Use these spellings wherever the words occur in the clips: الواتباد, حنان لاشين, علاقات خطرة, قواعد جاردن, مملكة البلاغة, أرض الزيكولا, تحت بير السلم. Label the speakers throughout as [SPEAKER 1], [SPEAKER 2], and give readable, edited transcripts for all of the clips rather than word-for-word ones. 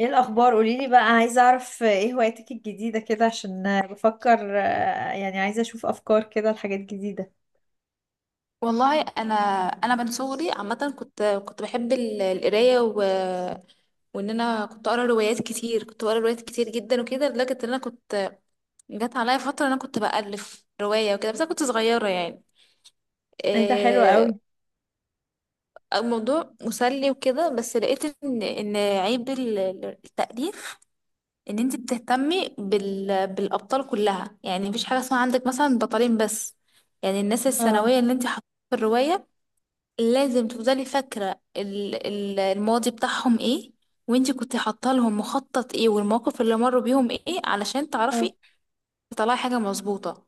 [SPEAKER 1] ايه الاخبار قوليلي بقى. عايزه اعرف ايه هواياتك الجديده كده عشان بفكر، يعني عايزه اشوف افكار كده لحاجات جديده.
[SPEAKER 2] والله، انا من صغري عامه كنت بحب القرايه. وان انا كنت اقرا روايات كتير، كنت بقرا روايات كتير جدا وكده، لدرجه ان انا كنت جت عليا فتره انا كنت بالف روايه وكده. بس انا كنت صغيره يعني.
[SPEAKER 1] انت حلوه
[SPEAKER 2] إيه...
[SPEAKER 1] قوي.
[SPEAKER 2] الموضوع مسلي وكده. بس لقيت ان عيب التاليف، ان انت بتهتمي بالابطال كلها. يعني مفيش حاجه اسمها عندك مثلا بطلين بس. يعني الناس
[SPEAKER 1] اه.
[SPEAKER 2] الثانويه اللي انت حطيتها في الروايه لازم تفضلي فاكرة الماضي بتاعهم ايه، وانتي كنت حاطه لهم مخطط ايه، والمواقف اللي مروا بيهم ايه، علشان تعرفي
[SPEAKER 1] اه.
[SPEAKER 2] تطلعي حاجة مظبوطة.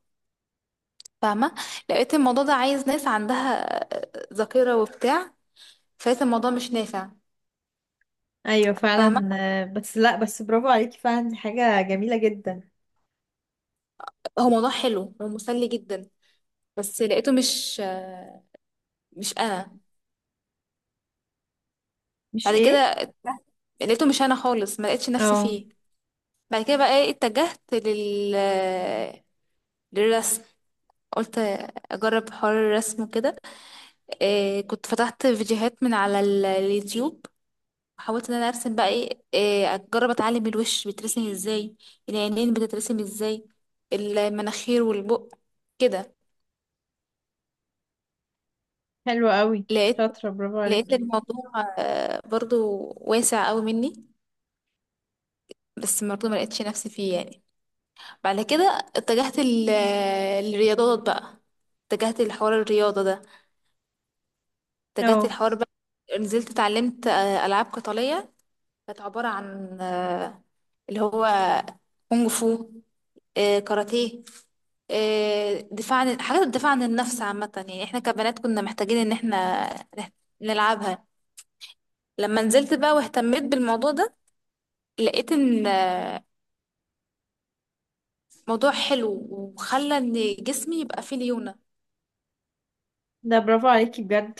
[SPEAKER 2] فاهمة؟ لقيت الموضوع ده عايز ناس عندها ذاكرة وبتاع. فلقيت الموضوع مش نافع.
[SPEAKER 1] ايوه
[SPEAKER 2] فاهمة؟
[SPEAKER 1] فعلا. بس لا بس برافو عليكي فعلا، دي حاجه جميله جدا.
[SPEAKER 2] هو موضوع حلو ومسلي جدا، بس لقيته مش انا.
[SPEAKER 1] مش
[SPEAKER 2] بعد
[SPEAKER 1] ايه.
[SPEAKER 2] كده لقيته مش انا خالص، ما لقيتش نفسي
[SPEAKER 1] اه.
[SPEAKER 2] فيه. بعد كده بقى ايه، اتجهت للرسم. قلت اجرب حوار الرسم وكده. إيه، كنت فتحت فيديوهات من على اليوتيوب، وحاولت ان انا ارسم بقى إيه اجرب اتعلم الوش بيترسم ازاي، العينين بتترسم ازاي، المناخير والبق كده.
[SPEAKER 1] حلوه قوي.
[SPEAKER 2] لقيت
[SPEAKER 1] شاطره، برافو
[SPEAKER 2] لقيت
[SPEAKER 1] عليكي.
[SPEAKER 2] الموضوع برضو واسع قوي مني. بس برضو ما لقيتش نفسي فيه يعني. بعد كده اتجهت للرياضات بقى. اتجهت لحوار الرياضة ده. اتجهت
[SPEAKER 1] اه.
[SPEAKER 2] لحوار بقى، نزلت اتعلمت ألعاب قتالية. كانت عبارة عن اللي هو كونغ فو، كاراتيه، دفاع عن الدفاع عن النفس عامة. يعني احنا كبنات كنا محتاجين ان احنا نح- نلعبها. لما نزلت بقى واهتميت بالموضوع ده، لقيت ان موضوع حلو وخلى ان جسمي يبقى فيه ليونة.
[SPEAKER 1] ده برافو عليكي بجد.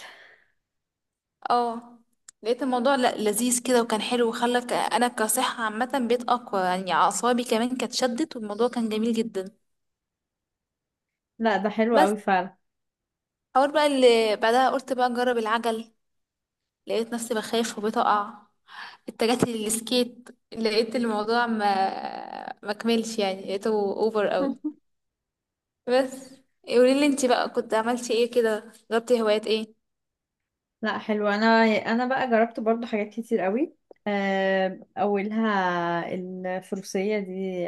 [SPEAKER 2] اه. لقيت الموضوع لذيذ كده وكان حلو، وخلى انا كصحة عامة بقيت اقوى. يعني اعصابي كمان كانت شدت، والموضوع كان جميل جدا.
[SPEAKER 1] لا، ده حلو
[SPEAKER 2] بس
[SPEAKER 1] قوي فعلا.
[SPEAKER 2] اول بقى اللي بعدها قلت بقى اجرب العجل، لقيت نفسي بخاف وبتقع. اتجهت للسكيت، لقيت الموضوع ما كملش يعني، لقيته اوفر قوي. بس قولي لي انت بقى، كنت عملتي ايه كده، جربتي هوايات ايه؟
[SPEAKER 1] لا حلو. انا بقى جربت برضو حاجات كتير قوي. اولها الفروسيه دي،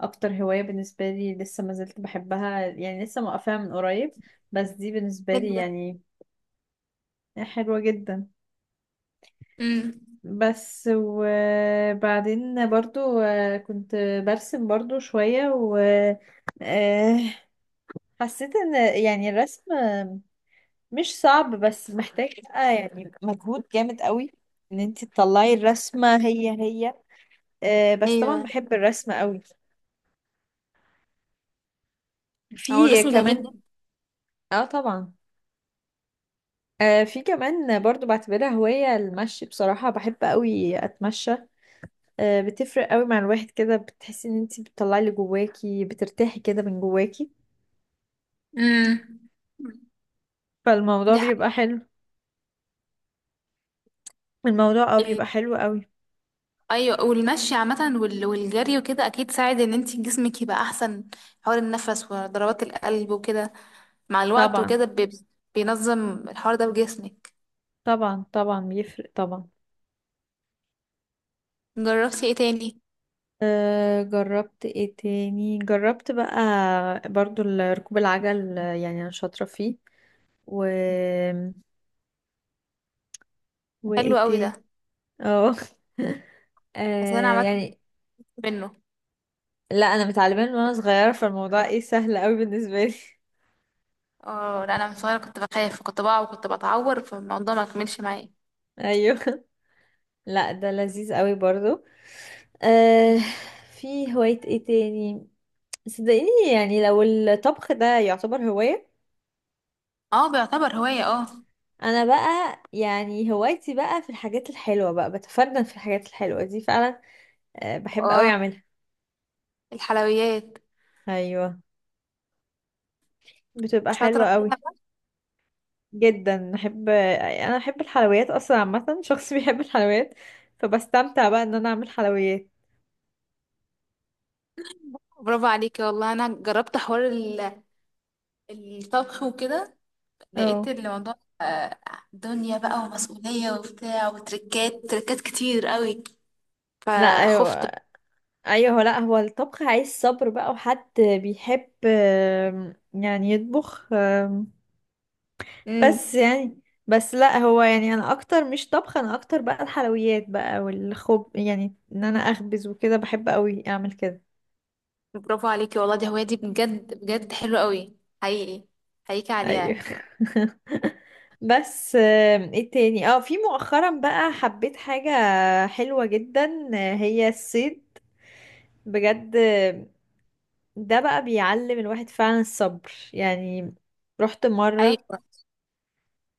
[SPEAKER 1] اكتر هواية بالنسبة لي، لسه ما زلت بحبها يعني، لسه موقفاها من قريب، بس دي بالنسبة
[SPEAKER 2] حلو
[SPEAKER 1] لي
[SPEAKER 2] ده.
[SPEAKER 1] يعني حلوة جدا.
[SPEAKER 2] امم.
[SPEAKER 1] بس وبعدين برضو كنت برسم برضو شوية و آه، حسيت ان يعني الرسم مش صعب، بس محتاج بقى يعني مجهود جامد قوي ان انت تطلعي الرسمة هي هي. بس طبعا
[SPEAKER 2] ايوه،
[SPEAKER 1] بحب الرسم قوي.
[SPEAKER 2] هو
[SPEAKER 1] في
[SPEAKER 2] الرسم جميل
[SPEAKER 1] كمان.
[SPEAKER 2] جدا.
[SPEAKER 1] اه طبعا. في كمان برضو بعتبرها هواية المشي. بصراحة بحب قوي أتمشى. بتفرق قوي مع الواحد كده، بتحسي إن انتي بتطلعي اللي جواكي، بترتاحي كده من جواكي،
[SPEAKER 2] امم.
[SPEAKER 1] فالموضوع
[SPEAKER 2] دي
[SPEAKER 1] بيبقى حلو. الموضوع
[SPEAKER 2] حاجة.
[SPEAKER 1] بيبقى حلو قوي.
[SPEAKER 2] ايوه، والمشي عامه والجري وكده اكيد ساعد ان انت جسمك يبقى احسن. حوار النفس وضربات القلب وكده مع الوقت
[SPEAKER 1] طبعا،
[SPEAKER 2] وكده بينظم الحوار ده بجسمك.
[SPEAKER 1] طبعا، طبعا بيفرق طبعا.
[SPEAKER 2] جربتي ايه تاني؟
[SPEAKER 1] أه، جربت ايه تاني. جربت بقى برضو ركوب العجل، يعني أنا شاطرة فيه. و
[SPEAKER 2] حلو
[SPEAKER 1] وايه
[SPEAKER 2] قوي ده.
[SPEAKER 1] تاني. اه.
[SPEAKER 2] بس انا عامه خفت
[SPEAKER 1] يعني
[SPEAKER 2] منه.
[SPEAKER 1] لا انا متعلمه من وانا صغيره، فالموضوع ايه سهل قوي بالنسبه لي.
[SPEAKER 2] اه، لا، انا من صغيره كنت بخاف، كنت بقع وكنت بتعور، فالموضوع ما كملش معايا.
[SPEAKER 1] ايوه. لا، ده لذيذ قوي برضو. آه. في هوايه ايه تاني. صدقيني، يعني لو الطبخ ده يعتبر هوايه،
[SPEAKER 2] اه، بيعتبر هوايه، اه.
[SPEAKER 1] انا بقى يعني هوايتي بقى في الحاجات الحلوه، بقى بتفنن في الحاجات الحلوه دي فعلا. بحب قوي
[SPEAKER 2] اه،
[SPEAKER 1] اعملها.
[SPEAKER 2] الحلويات
[SPEAKER 1] ايوه. بتبقى
[SPEAKER 2] شاطره
[SPEAKER 1] حلوه
[SPEAKER 2] فيها
[SPEAKER 1] قوي
[SPEAKER 2] بقى.
[SPEAKER 1] جدا. انا بحب الحلويات اصلا عامه، شخص بيحب الحلويات. فبستمتع بقى ان انا اعمل حلويات.
[SPEAKER 2] برافو عليكي. والله انا جربت حوار الطبخ وكده. لقيت
[SPEAKER 1] اه،
[SPEAKER 2] الموضوع دنيا بقى ومسؤولية وبتاع، وتركات تركات كتير قوي،
[SPEAKER 1] لا،
[SPEAKER 2] فخفت.
[SPEAKER 1] ايوه. ايوه، لا هو الطبخ عايز صبر بقى، وحد بيحب يعني يطبخ.
[SPEAKER 2] امم.
[SPEAKER 1] بس يعني، بس لا هو يعني انا اكتر مش طبخ، انا اكتر بقى الحلويات بقى، والخب يعني ان انا اخبز وكده بحب قوي اعمل كده.
[SPEAKER 2] برافو عليكي والله، دي هواية، دي بجد بجد حلوة قوي، حقيقي حقيقي
[SPEAKER 1] ايوه.
[SPEAKER 2] عليها.
[SPEAKER 1] بس ايه تاني. اه في مؤخرا بقى حبيت حاجة حلوة جدا، هي الصيد بجد. ده بقى بيعلم الواحد فعلا الصبر يعني. رحت مرة،
[SPEAKER 2] ايوه،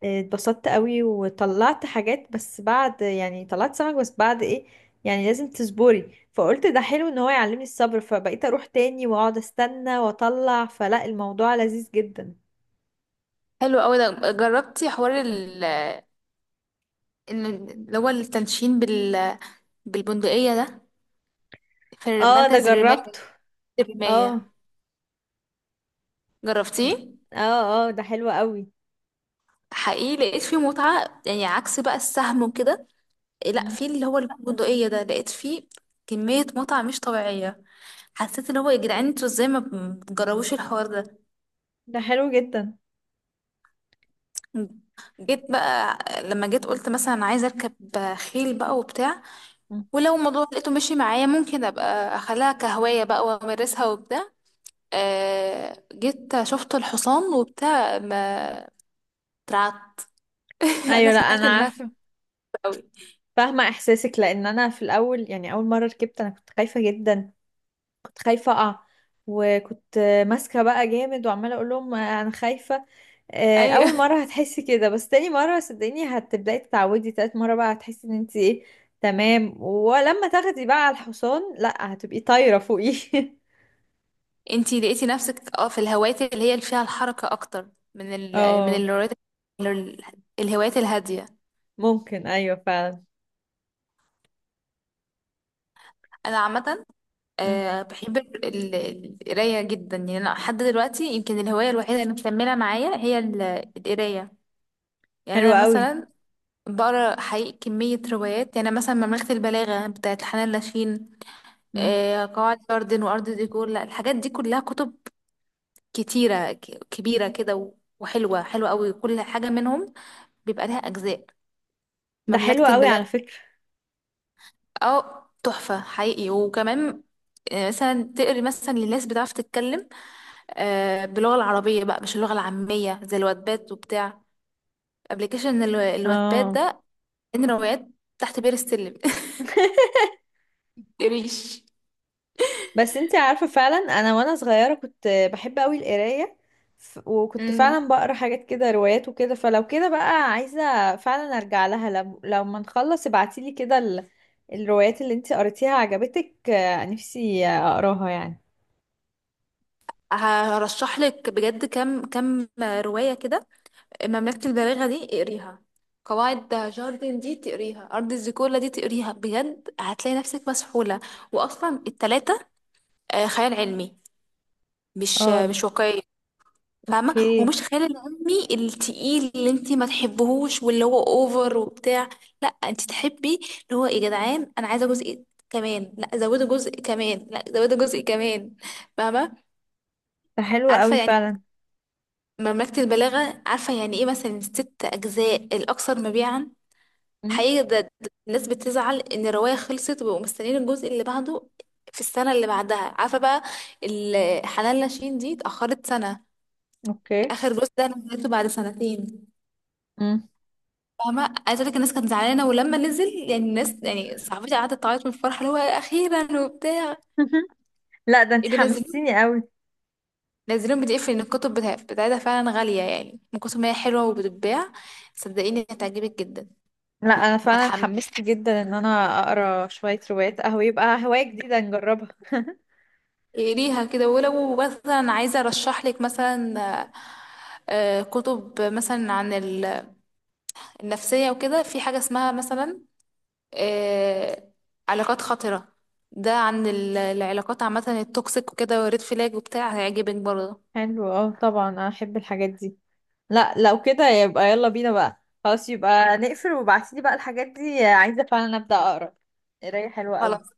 [SPEAKER 1] اتبسطت قوي وطلعت حاجات، بس بعد يعني طلعت سمك، بس بعد ايه يعني لازم تصبري. فقلت ده حلو ان هو يعلمني الصبر، فبقيت اروح تاني واقعد استنى واطلع. فلا، الموضوع لذيذ جدا.
[SPEAKER 2] حلو قوي ده. جربتي حوار إن اللي هو التنشين بالبندقية ده، في
[SPEAKER 1] اه، ده
[SPEAKER 2] مركز الرماية،
[SPEAKER 1] جربته. اه.
[SPEAKER 2] الرماية؟ جربتيه؟
[SPEAKER 1] اه، اه، ده حلو قوي.
[SPEAKER 2] حقيقي لقيت فيه متعة. يعني عكس بقى السهم وكده، لا،
[SPEAKER 1] مم.
[SPEAKER 2] في اللي هو البندقية ده لقيت فيه كمية متعة مش طبيعية. حسيت ان هو يا جدعان، انتوا ازاي ما بتجربوش الحوار ده؟
[SPEAKER 1] ده حلو جدا.
[SPEAKER 2] جيت بقى لما جيت قلت مثلا عايزة اركب خيل بقى وبتاع،
[SPEAKER 1] مم.
[SPEAKER 2] ولو الموضوع لقيته مشي معايا ممكن ابقى اخليها كهواية بقى وامارسها وبتاع. جيت شفت الحصان وبتاع، ما اترعبت. انا
[SPEAKER 1] ايوه، لا
[SPEAKER 2] طلعت ان
[SPEAKER 1] انا
[SPEAKER 2] انا خايفة
[SPEAKER 1] عارفه،
[SPEAKER 2] قوي.
[SPEAKER 1] فاهمه احساسك. لان انا في الاول يعني، اول مره ركبت انا كنت خايفه جدا. كنت خايفة أقع، وكنت ماسكة بقى جامد، وعمالة أقول لهم أنا خايفة.
[SPEAKER 2] ايوه،
[SPEAKER 1] أول مرة هتحسي كده، بس تاني مرة صدقيني هتبدأي تتعودي. تالت مرة بقى هتحسي إن أنت إيه، تمام. ولما تاخدي بقى على الحصان، لأ هتبقي طايرة فوقيه.
[SPEAKER 2] انتي لقيتي نفسك اه في الهوايات اللي فيها الحركة اكتر من
[SPEAKER 1] اه،
[SPEAKER 2] الهوايات الهادية.
[SPEAKER 1] ممكن أيوة فعلا.
[SPEAKER 2] انا عامة
[SPEAKER 1] مم.
[SPEAKER 2] بحب ال- القراية جدا. يعني انا لحد دلوقتي يمكن الهواية الوحيدة اللي مكملة معايا هي القراية. يعني
[SPEAKER 1] حلو
[SPEAKER 2] انا
[SPEAKER 1] قوي.
[SPEAKER 2] مثلا بقرا حقيقي كمية روايات. يعني أنا مثلا مملكة البلاغة بتاعت حنان لاشين،
[SPEAKER 1] مم.
[SPEAKER 2] قواعد جاردن وارض ديكور، لا الحاجات دي كلها كتب كتيرة كبيرة كده وحلوة حلوة قوي. كل حاجة منهم بيبقى لها أجزاء.
[SPEAKER 1] ده حلو
[SPEAKER 2] مملكة
[SPEAKER 1] قوي على
[SPEAKER 2] البلاد،
[SPEAKER 1] فكرة.
[SPEAKER 2] اه، تحفة حقيقي. وكمان مثلا تقري مثلا للناس بتعرف تتكلم باللغة العربية بقى، مش اللغة العامية زي الواتباد وبتاع، ابلكيشن الواتباد
[SPEAKER 1] اه.
[SPEAKER 2] ده، ان روايات تحت بير السلم. تقريش.
[SPEAKER 1] بس انتي عارفة، فعلا انا وانا صغيرة كنت بحب قوي القراية. وكنت
[SPEAKER 2] مم.
[SPEAKER 1] فعلا بقرا حاجات كده، روايات وكده. فلو كده بقى عايزة فعلا ارجع لها. لو ما نخلص ابعتيلي كده الروايات اللي انتي قريتيها عجبتك. نفسي اقراها يعني.
[SPEAKER 2] هرشح لك بجد كم كم رواية كده. مملكة البلاغة دي اقريها، قواعد جاردن دي تقريها، أرض الزيكولا دي تقريها. بجد هتلاقي نفسك مسحولة. وأصلا التلاتة خيال علمي، مش
[SPEAKER 1] اه،
[SPEAKER 2] مش واقعية. فاهمة؟
[SPEAKER 1] اوكي.
[SPEAKER 2] ومش خيال العلمي التقيل اللي انت ما تحبهوش واللي هو اوفر وبتاع. لا انت تحبي اللي هو يا جدعان، انا عايزة جزء كمان، لا زودوا جزء كمان، لا زودوا جزء كمان. فاهمة؟
[SPEAKER 1] ده حلو
[SPEAKER 2] عارفة
[SPEAKER 1] قوي
[SPEAKER 2] يعني.
[SPEAKER 1] فعلا.
[SPEAKER 2] مملكة البلاغة عارفة يعني ايه؟ مثلا ست اجزاء، الاكثر مبيعا.
[SPEAKER 1] امم.
[SPEAKER 2] حقيقي، ده الناس بتزعل ان الرواية خلصت وبقوا مستنيين الجزء اللي بعده في السنة اللي بعدها. عارفة بقى، حنان لاشين دي اتأخرت سنة.
[SPEAKER 1] اوكي.
[SPEAKER 2] اخر جزء ده انا نزلته بعد سنتين.
[SPEAKER 1] امم.
[SPEAKER 2] فاهمه؟ عايزه اقول لك الناس كانت زعلانه، ولما نزل يعني الناس يعني صاحبتي قعدت تعيط من الفرحه اللي هو اخيرا وبتاع.
[SPEAKER 1] لا، ده انتي
[SPEAKER 2] بينزلوهم
[SPEAKER 1] حمستيني قوي.
[SPEAKER 2] نزلوهم بي ان الكتب بتاعتها فعلا غاليه. يعني من كتب، ما هي حلوه وبتتباع. صدقيني هتعجبك جدا،
[SPEAKER 1] لا، انا فعلا
[SPEAKER 2] هتحمسي
[SPEAKER 1] اتحمست جدا ان انا اقرا شوية روايات قهوة، يبقى هواية جديدة نجربها.
[SPEAKER 2] ليها كده. ولو مثلا عايزه ارشح لك، مثلا آه، كتب مثلا عن النفسيه وكده، في حاجه اسمها مثلا آه، علاقات خطرة. ده عن العلاقات عامة، التوكسيك وكده، وريد فلاج وبتاع. هيعجبك برضه.
[SPEAKER 1] حلو، اه طبعا احب الحاجات دي. لا لو كده يبقى يلا بينا بقى، خلاص يبقى نقفل، وابعتيلي بقى الحاجات دي، عايزة فعلا ابدأ اقرا قراية حلوة قوي.
[SPEAKER 2] خلاص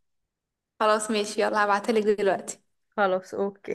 [SPEAKER 2] خلاص، ماشي، يلا هبعتلك دلوقتي.
[SPEAKER 1] خلاص، اوكي.